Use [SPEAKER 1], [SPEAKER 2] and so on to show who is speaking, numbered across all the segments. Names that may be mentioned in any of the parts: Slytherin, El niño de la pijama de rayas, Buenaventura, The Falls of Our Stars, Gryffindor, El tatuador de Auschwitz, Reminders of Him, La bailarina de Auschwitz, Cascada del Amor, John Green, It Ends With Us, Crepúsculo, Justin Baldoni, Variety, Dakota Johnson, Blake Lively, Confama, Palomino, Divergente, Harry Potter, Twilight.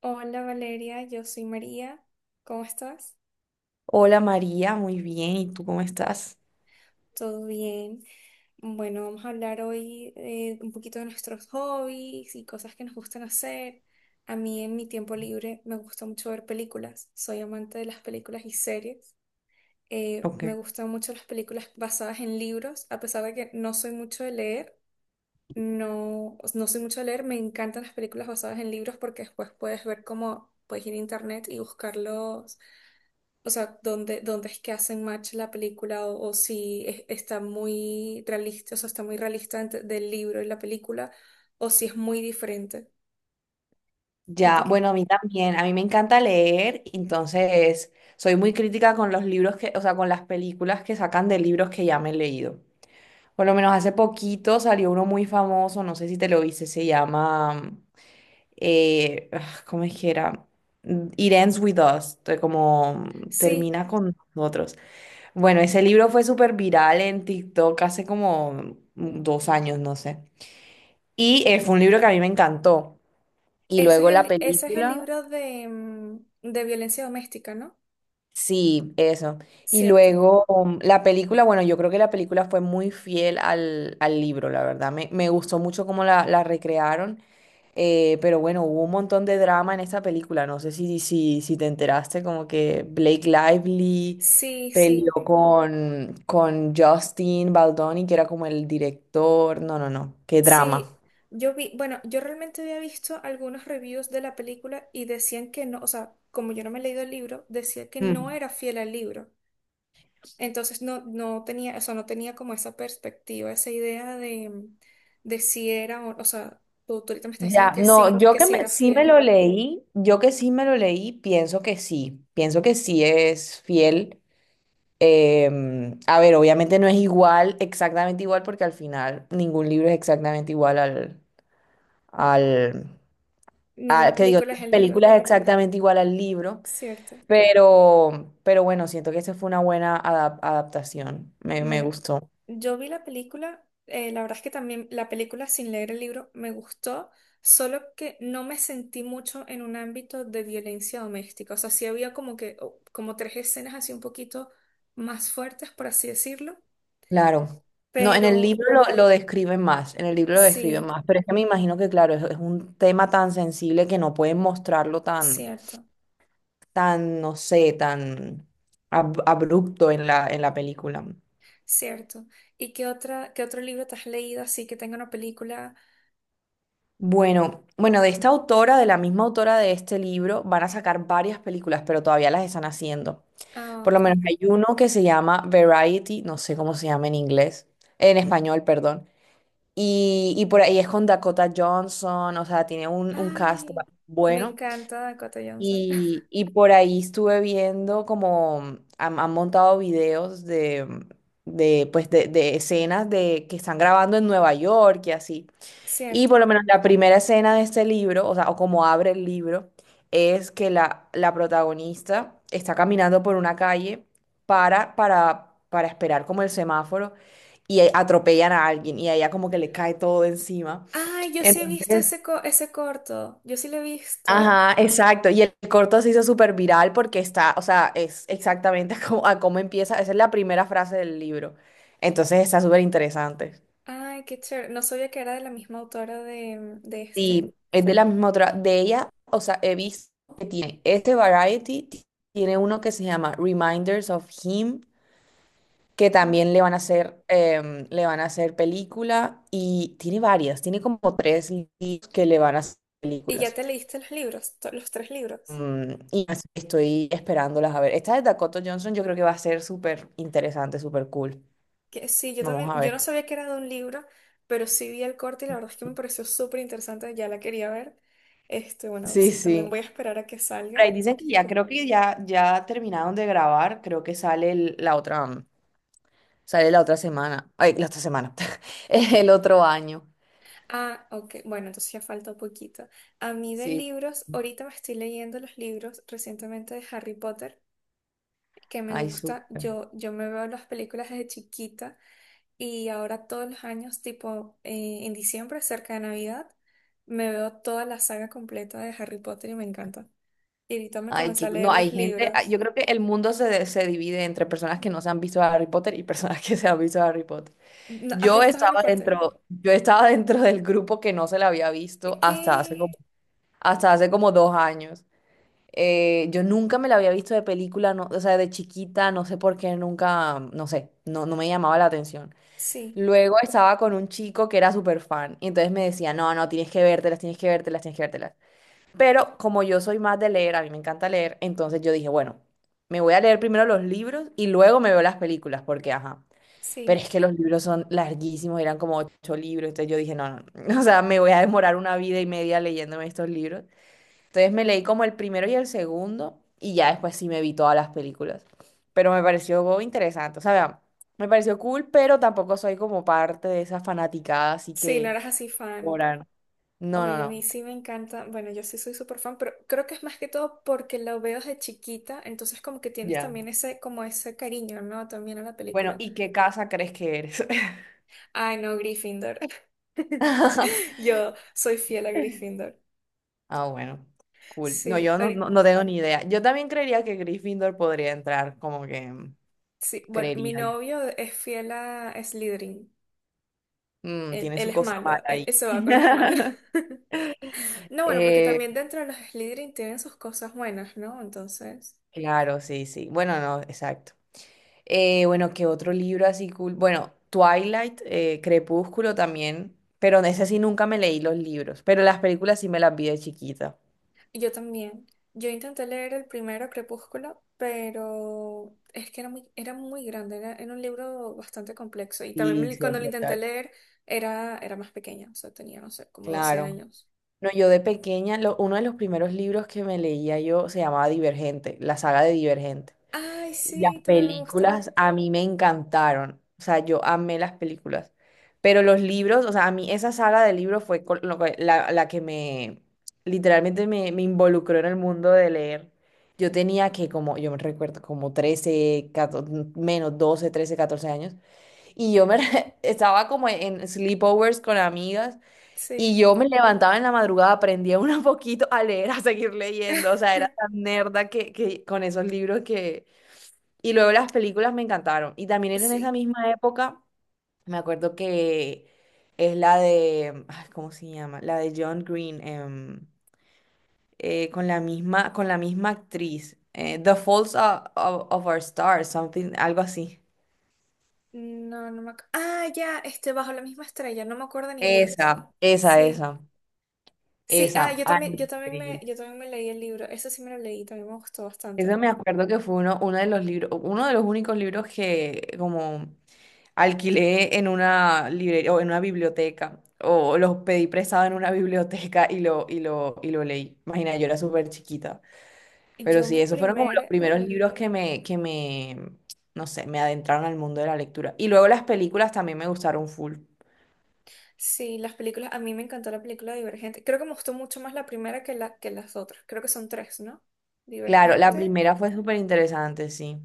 [SPEAKER 1] Hola Valeria, yo soy María. ¿Cómo estás?
[SPEAKER 2] Hola María, muy bien. ¿Y tú cómo estás?
[SPEAKER 1] ¿Todo bien? Bueno, vamos a hablar hoy un poquito de nuestros hobbies y cosas que nos gustan hacer. A mí en mi tiempo libre me gusta mucho ver películas. Soy amante de las películas y series.
[SPEAKER 2] Ok.
[SPEAKER 1] Me gustan mucho las películas basadas en libros, a pesar de que no soy mucho de leer. No, no soy mucho a leer, me encantan las películas basadas en libros porque después puedes ver cómo puedes ir a internet y buscarlos, o sea, dónde es que hacen match la película o si es- está muy realista, o sea, está muy realista del libro y la película o si es muy diferente. ¿A ti
[SPEAKER 2] Ya,
[SPEAKER 1] qué?
[SPEAKER 2] bueno, a mí también. A mí me encanta leer, entonces soy muy crítica con los libros que, o sea, con las películas que sacan de libros que ya me he leído. Por lo menos hace poquito salió uno muy famoso, no sé si te lo viste, se llama, ¿cómo es que era? It Ends With Us, como
[SPEAKER 1] Sí,
[SPEAKER 2] termina con nosotros. Bueno, ese libro fue súper viral en TikTok hace como dos años, no sé. Y fue un libro que a mí me encantó. Y luego la
[SPEAKER 1] ese es el
[SPEAKER 2] película,
[SPEAKER 1] libro de, de violencia doméstica, ¿no?
[SPEAKER 2] sí, eso. Y
[SPEAKER 1] Cierto.
[SPEAKER 2] luego la película, bueno, yo creo que la película fue muy fiel al libro, la verdad. Me gustó mucho cómo la recrearon. Pero bueno, hubo un montón de drama en esta película. No sé si te enteraste, como que Blake Lively
[SPEAKER 1] Sí, sí.
[SPEAKER 2] peleó con Justin Baldoni, que era como el director. No, no, no. Qué
[SPEAKER 1] Sí,
[SPEAKER 2] drama.
[SPEAKER 1] yo vi, bueno, yo realmente había visto algunos reviews de la película y decían que no, o sea, como yo no me he leído el libro, decía que no era fiel al libro. Entonces no, no tenía, eso no tenía como esa perspectiva, esa idea de si era, o sea, tú ahorita me estás diciendo
[SPEAKER 2] Ya,
[SPEAKER 1] que sí,
[SPEAKER 2] no,
[SPEAKER 1] que sí era
[SPEAKER 2] sí me
[SPEAKER 1] fiel.
[SPEAKER 2] lo leí, yo que sí me lo leí, pienso que sí es fiel. A ver, obviamente no es igual, exactamente igual, porque al final ningún libro es exactamente igual al, a-
[SPEAKER 1] Ninguna
[SPEAKER 2] que digo,
[SPEAKER 1] película es el libro,
[SPEAKER 2] película es exactamente igual al libro,
[SPEAKER 1] ¿cierto?
[SPEAKER 2] pero bueno, siento que esa fue una buena adaptación, me
[SPEAKER 1] Bueno,
[SPEAKER 2] gustó.
[SPEAKER 1] yo vi la película, la verdad es que también la película sin leer el libro me gustó, solo que no me sentí mucho en un ámbito de violencia doméstica. O sea, sí había como que, como tres escenas así un poquito más fuertes, por así decirlo,
[SPEAKER 2] Claro. No, en el
[SPEAKER 1] pero
[SPEAKER 2] libro lo describen más, en el libro lo describen
[SPEAKER 1] sí,
[SPEAKER 2] más, pero es que me imagino que, claro, es un tema tan sensible que no pueden mostrarlo tan,
[SPEAKER 1] cierto,
[SPEAKER 2] tan, no sé, tan abrupto en en la película.
[SPEAKER 1] cierto. ¿Y qué otra, qué otro libro te has leído así que tenga una película?
[SPEAKER 2] Bueno, bueno, de esta autora, de la misma autora de este libro, van a sacar varias películas, pero todavía las están haciendo.
[SPEAKER 1] Ah,
[SPEAKER 2] Por lo
[SPEAKER 1] ok.
[SPEAKER 2] menos hay uno que se llama Variety, no sé cómo se llama en inglés, en español, perdón. Y por ahí es con Dakota Johnson, o sea, tiene un cast
[SPEAKER 1] Ay, me
[SPEAKER 2] bueno.
[SPEAKER 1] encanta Dakota Johnson.
[SPEAKER 2] Y por ahí estuve viendo como han montado videos de, mm, de, pues de escenas de, que están grabando en Nueva York y así. Y por
[SPEAKER 1] Cierto.
[SPEAKER 2] lo menos la primera escena de este libro, o sea, o como abre el libro, es que la protagonista está caminando por una calle para esperar como el semáforo y atropellan a alguien y a ella como que le cae todo encima.
[SPEAKER 1] Ay, yo sí he visto
[SPEAKER 2] Entonces,
[SPEAKER 1] ese, ese corto. Yo sí lo he visto.
[SPEAKER 2] ajá, exacto. Y el corto se hizo súper viral porque está, o sea, es exactamente como, a cómo empieza. Esa es la primera frase del libro. Entonces está súper interesante.
[SPEAKER 1] Ay, qué chévere. No sabía que era de la misma autora de, de este.
[SPEAKER 2] Sí, es de la misma otra. De ella, o sea, he visto que tiene este variety, tiene uno que se llama Reminders of Him, que
[SPEAKER 1] Mm,
[SPEAKER 2] también le van a hacer, le van a hacer película y tiene varias, tiene como tres libros que le van a hacer
[SPEAKER 1] ¿y ya
[SPEAKER 2] películas.
[SPEAKER 1] te leíste los libros? Los tres libros.
[SPEAKER 2] Y así que estoy esperándolas a ver. Esta de Dakota Johnson yo creo que va a ser súper interesante, súper cool.
[SPEAKER 1] Que sí, yo también.
[SPEAKER 2] Vamos a
[SPEAKER 1] Yo no
[SPEAKER 2] ver.
[SPEAKER 1] sabía que era de un libro, pero sí vi el corto y la verdad es que me pareció súper interesante. Ya la quería ver. Este, bueno,
[SPEAKER 2] Sí,
[SPEAKER 1] sí, también
[SPEAKER 2] sí.
[SPEAKER 1] voy a esperar a que
[SPEAKER 2] Por
[SPEAKER 1] salga.
[SPEAKER 2] ahí dicen que ya creo que ya, ya terminaron de grabar, creo que sale la otra. Sale la otra semana. Ay, la otra semana. El otro año.
[SPEAKER 1] Ah, ok. Bueno, entonces ya falta un poquito. A mí de
[SPEAKER 2] Sí.
[SPEAKER 1] libros, ahorita me estoy leyendo los libros recientemente de Harry Potter. Que me
[SPEAKER 2] Ay,
[SPEAKER 1] gusta.
[SPEAKER 2] súper.
[SPEAKER 1] Yo me veo las películas desde chiquita y ahora todos los años, tipo en diciembre, cerca de Navidad, me veo toda la saga completa de Harry Potter y me encanta. Y ahorita me
[SPEAKER 2] Ay,
[SPEAKER 1] comencé
[SPEAKER 2] que,
[SPEAKER 1] a
[SPEAKER 2] no,
[SPEAKER 1] leer
[SPEAKER 2] hay
[SPEAKER 1] los
[SPEAKER 2] gente. Ay,
[SPEAKER 1] libros.
[SPEAKER 2] yo creo que el mundo se divide entre personas que no se han visto Harry Potter y personas que se han visto Harry Potter.
[SPEAKER 1] ¿Has visto Harry Potter?
[SPEAKER 2] Yo estaba dentro del grupo que no se la había visto
[SPEAKER 1] ¿Qué?
[SPEAKER 2] hasta hace como dos años. Yo nunca me la había visto de película, no, o sea, de chiquita, no sé por qué, nunca, no sé, no, no me llamaba la atención.
[SPEAKER 1] Sí,
[SPEAKER 2] Luego estaba con un chico que era súper fan y entonces me decía, no, no, tienes que vértelas, tienes que vértelas, tienes que vértelas. Pero como yo soy más de leer, a mí me encanta leer, entonces yo dije, bueno, me voy a leer primero los libros y luego me veo las películas, porque ajá. Pero
[SPEAKER 1] sí.
[SPEAKER 2] es que los libros son larguísimos, eran como ocho libros, entonces yo dije, no, no, no". O sea, me voy a demorar una vida y media leyéndome estos libros. Entonces me leí como el primero y el segundo y ya después sí me vi todas las películas. Pero me pareció interesante. O sea, vea, me pareció cool, pero tampoco soy como parte de esa fanaticada, así
[SPEAKER 1] Sí, no
[SPEAKER 2] que
[SPEAKER 1] eras así fan.
[SPEAKER 2] Coral, no, no,
[SPEAKER 1] Oye, a
[SPEAKER 2] no.
[SPEAKER 1] mí sí me encanta. Bueno, yo sí soy súper fan, pero creo que es más que todo porque lo veo desde chiquita, entonces como que tienes
[SPEAKER 2] Ya.
[SPEAKER 1] también ese, como ese cariño, ¿no? También a la
[SPEAKER 2] Bueno,
[SPEAKER 1] película.
[SPEAKER 2] ¿y qué casa crees que eres?
[SPEAKER 1] Ay, no, Gryffindor. Yo soy fiel a Gryffindor.
[SPEAKER 2] Ah, bueno, cool. No,
[SPEAKER 1] Sí,
[SPEAKER 2] yo no,
[SPEAKER 1] ahori-
[SPEAKER 2] no, no tengo ni idea. Yo también creería que Gryffindor podría entrar, como que
[SPEAKER 1] sí. Bueno, mi
[SPEAKER 2] creería yo.
[SPEAKER 1] novio es fiel a Slytherin.
[SPEAKER 2] Tiene
[SPEAKER 1] Él
[SPEAKER 2] su
[SPEAKER 1] es
[SPEAKER 2] cosa
[SPEAKER 1] malo,
[SPEAKER 2] mala ahí.
[SPEAKER 1] él se va con los malos. No, bueno, porque
[SPEAKER 2] Eh,
[SPEAKER 1] también dentro de los Slytherin tienen sus cosas buenas, ¿no? Entonces,
[SPEAKER 2] claro, sí, sí. Bueno, no, exacto. Bueno, ¿qué otro libro así cool? Bueno, Twilight, Crepúsculo también, pero en ese sí nunca me leí los libros, pero las películas sí me las vi de chiquita.
[SPEAKER 1] yo también. Yo intenté leer el primero Crepúsculo, pero es que era muy grande, era, era un libro bastante complejo. Y también
[SPEAKER 2] Sí, sí,
[SPEAKER 1] cuando
[SPEAKER 2] es
[SPEAKER 1] lo intenté
[SPEAKER 2] verdad.
[SPEAKER 1] leer era, era más pequeña, o sea, tenía, no sé, como 12
[SPEAKER 2] Claro.
[SPEAKER 1] años.
[SPEAKER 2] No, yo de pequeña, uno de los primeros libros que me leía yo se llamaba Divergente, la saga de Divergente.
[SPEAKER 1] Ay,
[SPEAKER 2] Y las
[SPEAKER 1] sí, también me gusta.
[SPEAKER 2] películas a mí me encantaron, o sea, yo amé las películas, pero los libros, o sea, a mí esa saga de libros fue col- lo que- la que me, literalmente me involucró en el mundo de leer. Yo tenía que, como, yo me recuerdo, como 13 14, menos 12 13 14 años, y yo estaba como en sleepovers con amigas, y
[SPEAKER 1] Sí.
[SPEAKER 2] yo me levantaba en la madrugada, aprendía un poquito a leer, a seguir leyendo, o sea, era tan nerda que con esos libros que y luego las películas me encantaron. Y también era en esa
[SPEAKER 1] Sí.
[SPEAKER 2] misma época, me acuerdo que es la de, ay, ¿cómo se llama? La de John Green, con la misma actriz. The Falls of, of Our Stars, something, algo así.
[SPEAKER 1] No, no me acuerdo. Ah, ya, este, bajo la misma estrella, no me acuerdo en inglés.
[SPEAKER 2] Esa, esa,
[SPEAKER 1] Sí.
[SPEAKER 2] esa,
[SPEAKER 1] Sí, ah,
[SPEAKER 2] esa.
[SPEAKER 1] yo
[SPEAKER 2] Ay,
[SPEAKER 1] también,
[SPEAKER 2] increíble.
[SPEAKER 1] yo también me leí el libro. Eso sí me lo leí, también me gustó bastante.
[SPEAKER 2] Eso me acuerdo que fue uno, uno de los libros, uno de los únicos libros que como alquilé en una librería o en una biblioteca o los pedí prestado en una biblioteca y y lo leí. Imagina, yo era súper chiquita. Pero
[SPEAKER 1] Yo
[SPEAKER 2] sí,
[SPEAKER 1] mi
[SPEAKER 2] esos fueron como los
[SPEAKER 1] primer,
[SPEAKER 2] primeros libros que me, no sé, me adentraron al mundo de la lectura. Y luego las películas también me gustaron full.
[SPEAKER 1] sí, las películas, a mí me encantó la película Divergente. Creo que me gustó mucho más la primera que la, que las otras. Creo que son tres, ¿no?
[SPEAKER 2] Claro, la
[SPEAKER 1] Divergente.
[SPEAKER 2] primera fue súper interesante, sí.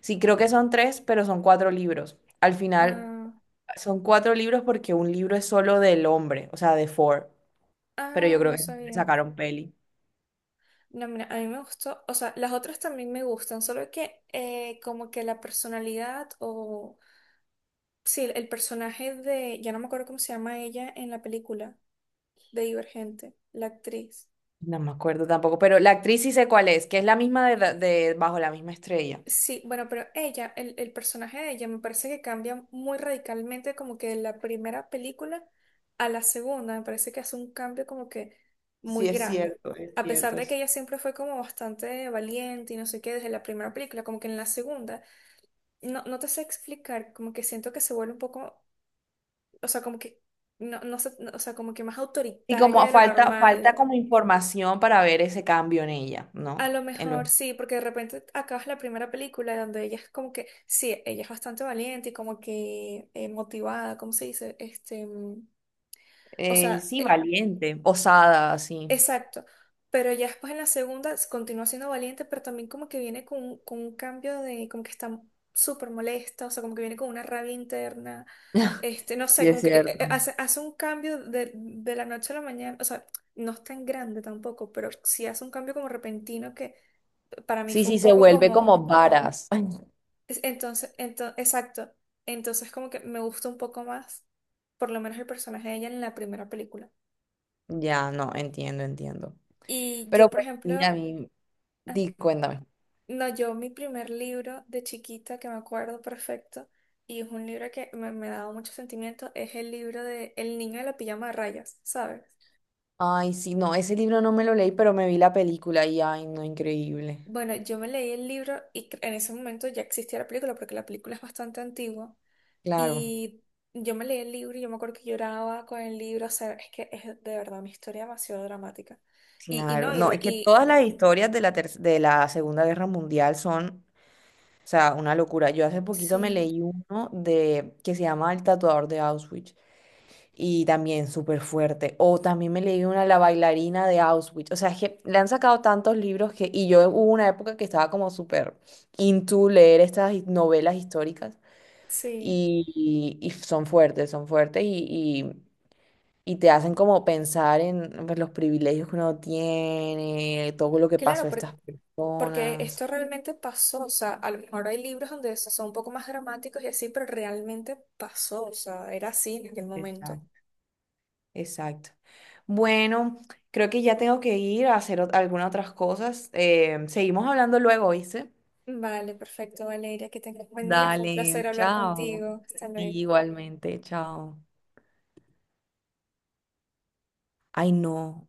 [SPEAKER 2] Sí, creo que son tres, pero son cuatro libros. Al final
[SPEAKER 1] Ah,
[SPEAKER 2] son cuatro libros porque un libro es solo del hombre, o sea, de Ford. Pero yo
[SPEAKER 1] ah,
[SPEAKER 2] creo
[SPEAKER 1] no
[SPEAKER 2] que le
[SPEAKER 1] sabía.
[SPEAKER 2] sacaron peli.
[SPEAKER 1] No, mira, a mí me gustó, o sea, las otras también me gustan, solo que como que la personalidad o, sí, el personaje de, ya no me acuerdo cómo se llama ella en la película, de Divergente, la actriz.
[SPEAKER 2] No me acuerdo tampoco, pero la actriz sí sé cuál es, que es la misma de, de Bajo la misma estrella.
[SPEAKER 1] Sí, bueno, pero ella, el personaje de ella me parece que cambia muy radicalmente como que de la primera película a la segunda, me parece que hace un cambio como que
[SPEAKER 2] Sí,
[SPEAKER 1] muy
[SPEAKER 2] es
[SPEAKER 1] grande.
[SPEAKER 2] cierto, es
[SPEAKER 1] A pesar
[SPEAKER 2] cierto,
[SPEAKER 1] de que
[SPEAKER 2] es.
[SPEAKER 1] ella siempre fue como bastante valiente y no sé qué desde la primera película, como que en la segunda. No, no te sé explicar, como que siento que se vuelve un poco, o sea, como que, no, no sé, no, o sea, como que más
[SPEAKER 2] Y como
[SPEAKER 1] autoritaria de
[SPEAKER 2] cierto,
[SPEAKER 1] lo
[SPEAKER 2] falta, falta
[SPEAKER 1] normal.
[SPEAKER 2] como información para ver ese cambio en ella,
[SPEAKER 1] A
[SPEAKER 2] ¿no?
[SPEAKER 1] lo mejor sí, porque de repente acabas la primera película donde ella es como que, sí, ella es bastante valiente y como que motivada, ¿cómo se dice? Este, o sea,
[SPEAKER 2] Sí, valiente, osada, así.
[SPEAKER 1] exacto, pero ya después en la segunda continúa siendo valiente, pero también como que viene con, con un cambio de, como que está súper molesta, o sea, como que viene con una rabia interna, este, no
[SPEAKER 2] Sí,
[SPEAKER 1] sé,
[SPEAKER 2] es
[SPEAKER 1] como que
[SPEAKER 2] cierto.
[SPEAKER 1] hace, hace un cambio de la noche a la mañana, o sea, no es tan grande tampoco, pero sí hace un cambio como repentino que para mí
[SPEAKER 2] Sí,
[SPEAKER 1] fue
[SPEAKER 2] sí,
[SPEAKER 1] un
[SPEAKER 2] se
[SPEAKER 1] poco
[SPEAKER 2] vuelve
[SPEAKER 1] como,
[SPEAKER 2] como varas.
[SPEAKER 1] entonces, exacto, entonces como que me gusta un poco más, por lo menos el personaje de ella en la primera película.
[SPEAKER 2] Ya, no, entiendo, entiendo.
[SPEAKER 1] Y
[SPEAKER 2] Pero
[SPEAKER 1] yo, por
[SPEAKER 2] pues sí,
[SPEAKER 1] ejemplo...
[SPEAKER 2] a mí, di, cuéntame.
[SPEAKER 1] No, yo mi primer libro de chiquita que me acuerdo perfecto y es un libro que me ha dado mucho sentimiento es el libro de El niño de la pijama de rayas, ¿sabes?
[SPEAKER 2] Ay, sí, no, ese libro no me lo leí, pero me vi la película y ay, no, increíble.
[SPEAKER 1] Bueno, yo me leí el libro y en ese momento ya existía la película porque la película es bastante antigua
[SPEAKER 2] Claro.
[SPEAKER 1] y yo me leí el libro y yo me acuerdo que lloraba con el libro, o sea, es que es de verdad una historia demasiado dramática. Y
[SPEAKER 2] Claro,
[SPEAKER 1] no, y,
[SPEAKER 2] no,
[SPEAKER 1] re-
[SPEAKER 2] es que
[SPEAKER 1] y
[SPEAKER 2] todas las historias de de la Segunda Guerra Mundial son, o sea, una locura. Yo hace poquito me
[SPEAKER 1] sí,
[SPEAKER 2] leí uno de que se llama El tatuador de Auschwitz y también súper fuerte. O también me leí una La bailarina de Auschwitz. O sea, es que le han sacado tantos libros que, y yo hubo una época que estaba como súper into leer estas novelas históricas
[SPEAKER 1] sí.
[SPEAKER 2] y son fuertes y te hacen como pensar en pues, los privilegios que uno tiene, todo lo que pasó
[SPEAKER 1] Claro,
[SPEAKER 2] a estas
[SPEAKER 1] porque
[SPEAKER 2] personas.
[SPEAKER 1] esto realmente pasó, o sea, a lo mejor hay libros donde son un poco más dramáticos y así, pero realmente pasó, o sea, era así en aquel momento.
[SPEAKER 2] Exacto, exacto. Bueno, creo que ya tengo que ir a hacer algunas otras cosas. Seguimos hablando luego, ¿oíste?
[SPEAKER 1] Vale, perfecto, Valeria, que tengas un buen día, fue un placer
[SPEAKER 2] Dale,
[SPEAKER 1] hablar
[SPEAKER 2] chao.
[SPEAKER 1] contigo. Hasta luego.
[SPEAKER 2] Igualmente, chao. Ay, no.